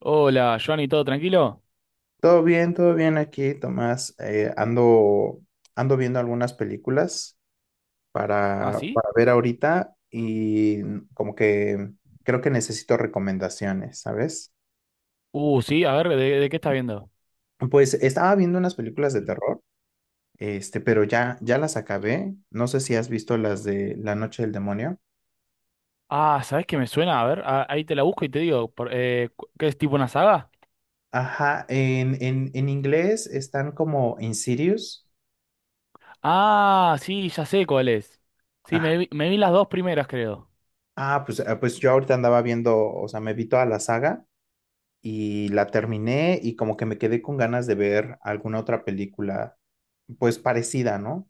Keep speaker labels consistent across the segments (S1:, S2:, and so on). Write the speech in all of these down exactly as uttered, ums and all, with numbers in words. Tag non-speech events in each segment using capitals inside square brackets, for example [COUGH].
S1: Hola, Johnny, ¿todo tranquilo?
S2: Todo bien, todo bien aquí, Tomás. Eh, ando, ando viendo algunas películas
S1: ¿Ah,
S2: para,
S1: sí?
S2: para ver ahorita y como que creo que necesito recomendaciones, ¿sabes?
S1: Uh, sí, a ver, ¿de, de qué estás viendo?
S2: Pues estaba viendo unas películas de terror, este, pero ya, ya las acabé. No sé si has visto las de La Noche del Demonio.
S1: Ah, ¿sabés qué me suena? A ver, a- ahí te la busco y te digo, por- eh, cu- ¿qué es tipo una saga?
S2: Ajá, en, en, en inglés están como Insidious.
S1: Ah, sí, ya sé cuál es. Sí,
S2: Ajá.
S1: me vi, me vi las dos primeras, creo.
S2: Ah, pues, ah, pues yo ahorita andaba viendo, o sea, me vi toda la saga. Y la terminé y como que me quedé con ganas de ver alguna otra película, pues parecida, ¿no?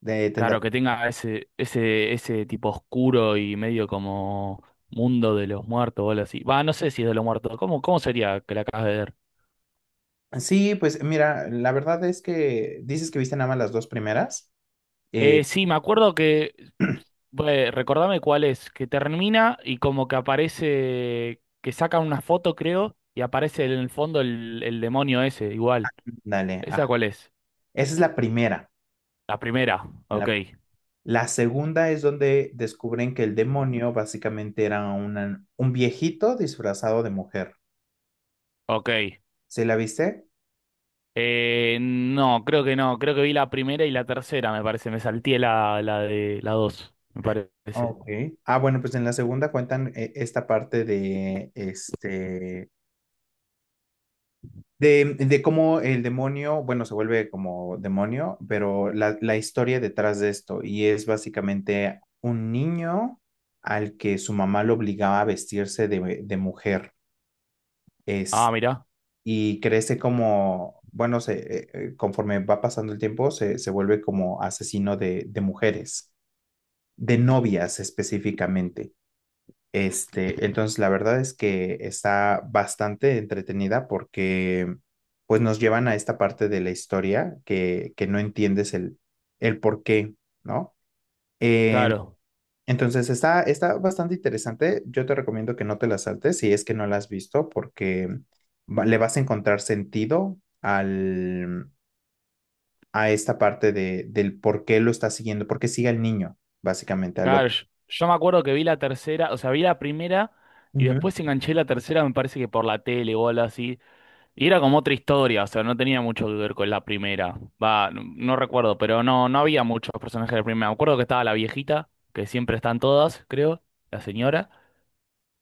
S2: De tendrá.
S1: Claro, que tenga ese, ese, ese tipo oscuro y medio como mundo de los muertos o algo así. Va, no sé si es de los muertos. ¿Cómo, cómo sería que la acabas de ver?
S2: Sí, pues mira, la verdad es que dices que viste nada más las dos primeras. Eh,
S1: Eh, sí, me acuerdo que... Bue- recordame cuál es, que termina y como que aparece, que sacan una foto, creo, y aparece en el fondo el, el demonio ese, igual.
S2: dale, ah,
S1: ¿Esa cuál es?
S2: esa es la primera.
S1: La primera,
S2: La,
S1: ok,
S2: la segunda es donde descubren que el demonio básicamente era una- un viejito disfrazado de mujer.
S1: ok.
S2: ¿Sí la viste?
S1: Eh, no, creo que no, creo que vi la primera y la tercera, me parece, me salté la, la de la dos, me parece.
S2: Ok. Ah, bueno, pues en la segunda cuentan eh, esta parte de este. De, de cómo el demonio, bueno, se vuelve como demonio, pero la, la historia detrás de esto, y es básicamente un niño al que su mamá lo obligaba a vestirse de, de mujer, es,
S1: Ah, mirá,
S2: y crece como, bueno, se, eh, eh, conforme va pasando el tiempo, se, se vuelve como asesino de, de mujeres, de novias específicamente. Este, entonces la verdad es que está bastante entretenida porque pues nos llevan a esta parte de la historia que, que no entiendes el, el por qué, ¿no? Eh,
S1: claro,
S2: entonces está, está, bastante interesante. Yo te recomiendo que no te la saltes si es que no la has visto porque va- le vas a encontrar sentido al, a esta parte de, del por qué lo está siguiendo, por qué sigue al niño, básicamente, al
S1: claro, yo, yo me acuerdo que vi la tercera, o sea, vi la primera y
S2: otro.
S1: después enganché la tercera, me parece que por la tele o algo así. Y era como otra historia, o sea, no tenía mucho que ver con la primera. Va, no, no recuerdo, pero no, no había muchos personajes de la primera. Me acuerdo que estaba la viejita, que siempre están todas, creo, la señora,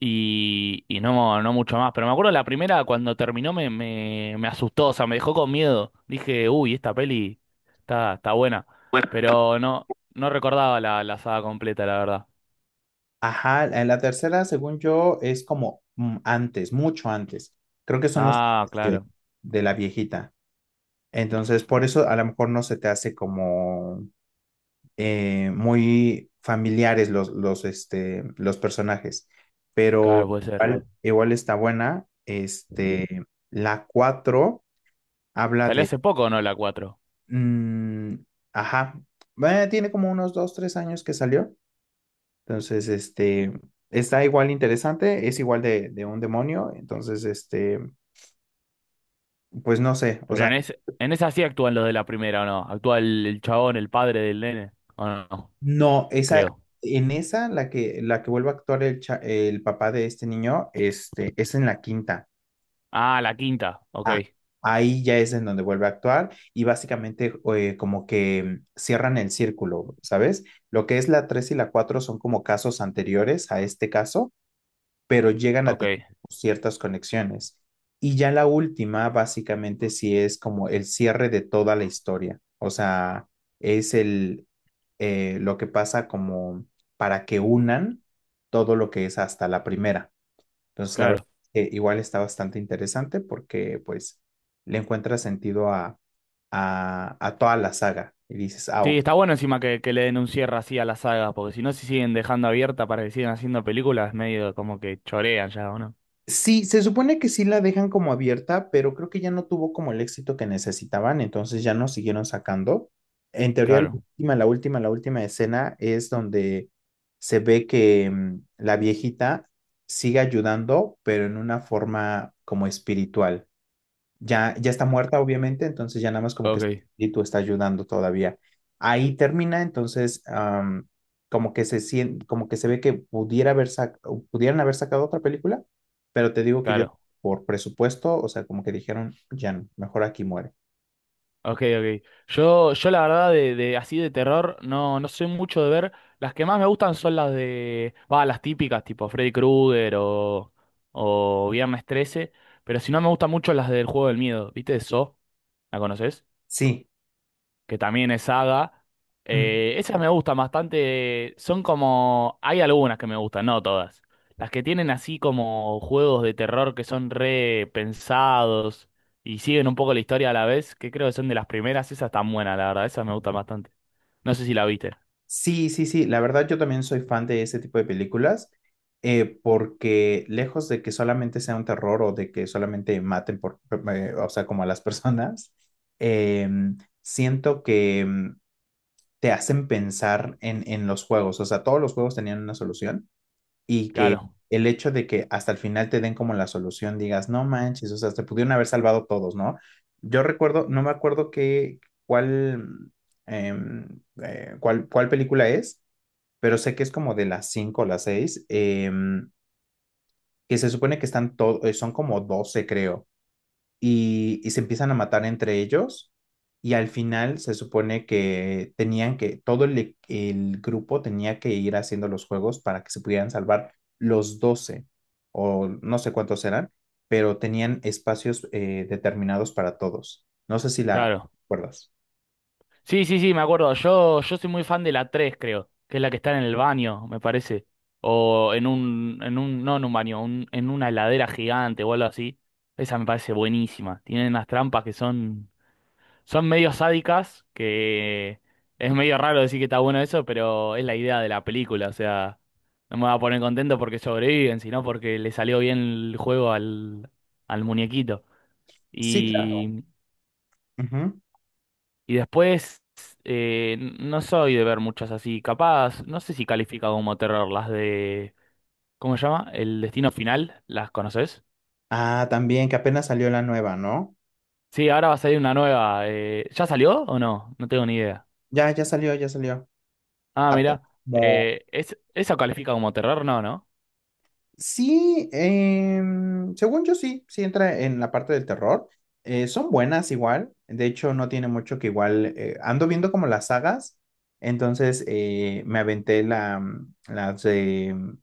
S1: y, y no, no mucho más. Pero me acuerdo la primera, cuando terminó, me, me, me asustó, o sea, me dejó con miedo. Dije, uy, esta peli está, está buena. Pero no, no recordaba la, la saga completa, la verdad.
S2: Ajá, en la tercera, según yo, es como mm, antes, mucho antes. Creo que son los
S1: Ah,
S2: vestidos
S1: claro,
S2: de la viejita. Entonces, por eso a lo mejor no se te hace como eh, muy familiares los, los, este, los personajes. Pero
S1: claro, puede ser.
S2: igual, igual está buena. Este, la cuatro habla
S1: Salió
S2: de.
S1: hace poco, ¿no? La cuatro.
S2: Mm, ajá. eh, tiene como unos dos, tres años que salió. Entonces, este, está igual interesante, es igual de, de un demonio, entonces, este, pues no sé, o
S1: Pero
S2: sea,
S1: en, es, en esa sí actúan los de la primera, ¿o no? Actúa el, el chabón, el padre del nene. ¿O no? No,
S2: no, esa,
S1: creo.
S2: en esa, la que, la que vuelve a actuar el, cha- el papá de este niño, este, es en la quinta.
S1: Ah, la quinta. Ok,
S2: Ah, ahí ya es en donde vuelve a actuar y básicamente eh, como que cierran el círculo, ¿sabes? Lo que es la tres y la cuatro son como casos anteriores a este caso pero llegan a
S1: ok,
S2: tener ciertas conexiones. Y ya la última, básicamente, sí es como el cierre de toda la historia. O sea, es el eh, lo que pasa como para que unan todo lo que es hasta la primera. Entonces, la verdad
S1: claro.
S2: es que igual está bastante interesante porque pues le encuentra sentido a, a, a toda la saga. Y dices, ah,
S1: Sí,
S2: ok.
S1: está bueno encima que, que le den un cierre así a la saga, porque si no se siguen dejando abierta para que sigan haciendo películas, medio como que chorean ya, ¿o no?
S2: Sí, se supone que sí la dejan como abierta, pero creo que ya no tuvo como el éxito que necesitaban, entonces ya no siguieron sacando. En teoría, la
S1: Claro,
S2: última, la última, la última escena es donde se ve que mm, la viejita sigue ayudando, pero en una forma como espiritual ya, ya está muerta, obviamente, entonces ya nada más como que su
S1: ok,
S2: espíritu está ayudando todavía. Ahí termina, entonces, am, como que se sien- como que se ve que pudiera haber sac- o pudieran haber sacado otra película, pero te digo que yo,
S1: claro.
S2: por presupuesto, o sea, como que dijeron, ya no, mejor aquí muere.
S1: Ok, ok. Yo, yo la verdad de, de así de terror no, no soy mucho de ver. Las que más me gustan son las de, va, las típicas, tipo Freddy Krueger o, o Viernes trece. Pero si no me gustan mucho las del juego del miedo, ¿viste? Saw, ¿la conoces?
S2: Sí.
S1: Que también es saga. Eh, esas me gustan bastante. Son como... Hay algunas que me gustan, no todas. Las que tienen así como juegos de terror que son re pensados y siguen un poco la historia a la vez, que creo que son de las primeras, esas tan buenas, la verdad, esas me gustan bastante. No sé si la viste.
S2: Sí, sí, sí, la verdad yo también soy fan de ese tipo de películas, eh, porque lejos de que solamente sea un terror o de que solamente maten por, eh, o sea, como a las [LAUGHS] personas, eh, siento que mm, te hacen pensar en, en los juegos, o sea, todos los juegos tenían una solución y que
S1: Claro,
S2: el hecho de que hasta el final te den como la solución, digas, no manches, o sea, te pudieron haber salvado todos, ¿no? Yo recuerdo, no me acuerdo qué, cuál, em, eh, cuál, cuál película es pero sé que es como de las cinco o las seis, que se supone que están todos, son como doce creo, y, y se empiezan a matar entre ellos y al final se supone que tenían que, todo el, e- el grupo tenía que ir haciendo los juegos para que se pudieran salvar los doce o no sé cuántos eran, pero tenían espacios eh, determinados para todos. No sé si la
S1: claro.
S2: recuerdas.
S1: Sí, sí, sí, me acuerdo. Yo, yo soy muy fan de la tres, creo, que es la que está en el baño, me parece. O en un, en un, no en un baño, un- en una heladera gigante o algo así. Esa me parece buenísima. Tienen unas trampas que son, son medio sádicas, que es medio raro decir que está bueno eso, pero es la idea de la película. O sea, no me va a poner contento porque sobreviven, sino porque le salió bien el juego al, al muñequito.
S2: Sí, claro. Ujú.
S1: Y después, eh, no soy de ver muchas así. Capaz, no sé si califica como terror las de... ¿Cómo se llama? El Destino Final, ¿las conoces?
S2: Ah, también que apenas salió la nueva, ¿no?
S1: Sí, ahora va a salir una nueva. eh, ¿ya salió o no? No tengo ni idea.
S2: Ya, ya salió, ya salió.
S1: Ah,
S2: A
S1: mira.
S2: Como,
S1: Eh, ¿es, ¿eso califica como terror? No, ¿no?
S2: sí, em, según yo sí, sí entra en la parte del terror. Eh, son buenas igual, de hecho no tiene mucho que igual, eh, ando viendo como las sagas, entonces eh, me aventé la, mm, las de mm,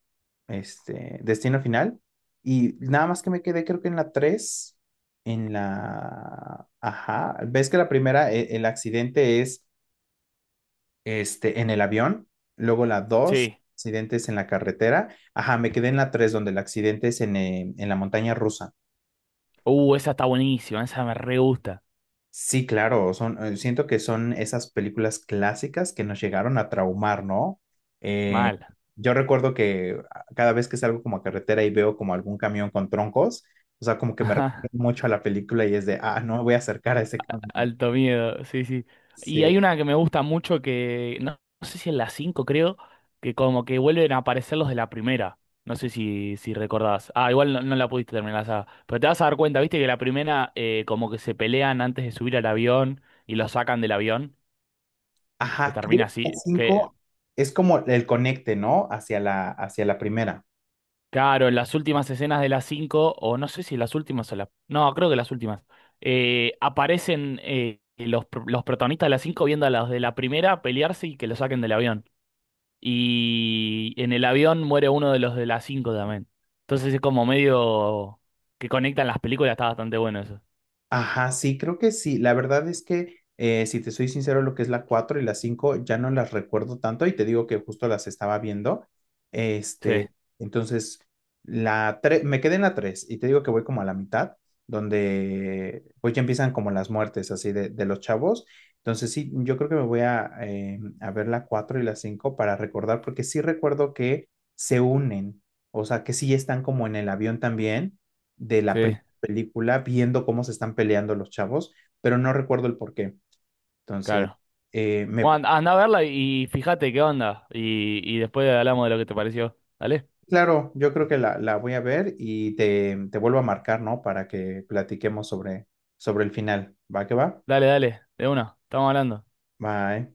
S2: este, Destino Final y nada más que me quedé creo que en la tres en la... Ajá, ves que la primera, eh, el accidente es este, en el avión, luego la dos
S1: Sí.
S2: accidentes en la carretera. Ajá, me quedé en la tres donde el accidente es en, eh, en la montaña rusa.
S1: Uh, esa está buenísima, esa me re gusta.
S2: Sí, claro, son, eh, siento que son esas películas clásicas que nos llegaron a traumar, ¿no? Eh,
S1: Mal.
S2: yo recuerdo que ah, cada vez que salgo como a carretera y veo como algún camión con troncos, o sea, como que me recuerda
S1: [LAUGHS]
S2: mucho a la película y es de, ah, no me voy a acercar a ese camión.
S1: Alto miedo, sí, sí. Y
S2: Sí.
S1: hay una que me gusta mucho que, no, no sé si en la cinco, creo, que como que vuelven a aparecer los de la primera. No sé si, si recordás. Ah, igual no, no la pudiste terminar la saga. Pero te vas a dar cuenta, viste, que la primera eh, como que se pelean antes de subir al avión y lo sacan del avión, que
S2: Ajá, creo
S1: termina
S2: que la
S1: así. Que,
S2: cinco es como el conecte, ¿no? Hacia la, hacia la primera.
S1: claro, en las últimas escenas de la cinco o no sé si en las últimas o las... No, creo que las últimas. Eh, aparecen eh, los, pr- los protagonistas de la cinco viendo a los de la primera pelearse y que lo saquen del avión. Y en el avión muere uno de los de las cinco también. Entonces es como medio que conectan las películas, está bastante bueno eso.
S2: Ajá, sí, creo que sí. La verdad es que, eh, si te soy sincero, lo que es la cuatro y la cinco ya no las recuerdo tanto y te digo que justo las estaba viendo.
S1: Sí,
S2: Este, entonces, la tres me quedé en la tres y te digo que voy como a la mitad, donde pues ya empiezan como las muertes así de, de los chavos. Entonces, sí, yo creo que me voy a, eh, a ver la cuatro y la cinco para recordar, porque sí recuerdo que se unen, o sea, que sí están como en el avión también de la
S1: sí,
S2: película viendo cómo se están peleando los chavos, pero no recuerdo el por qué. Entonces,
S1: claro.
S2: eh, me,
S1: Bueno, anda a verla y fíjate qué onda. Y, y después hablamos de lo que te pareció. Dale,
S2: claro, yo creo que la, la voy a ver y te, te vuelvo a marcar, ¿no? Para que platiquemos sobre, sobre el final. ¿Va que va?
S1: dale, dale, de una, estamos hablando.
S2: Bye.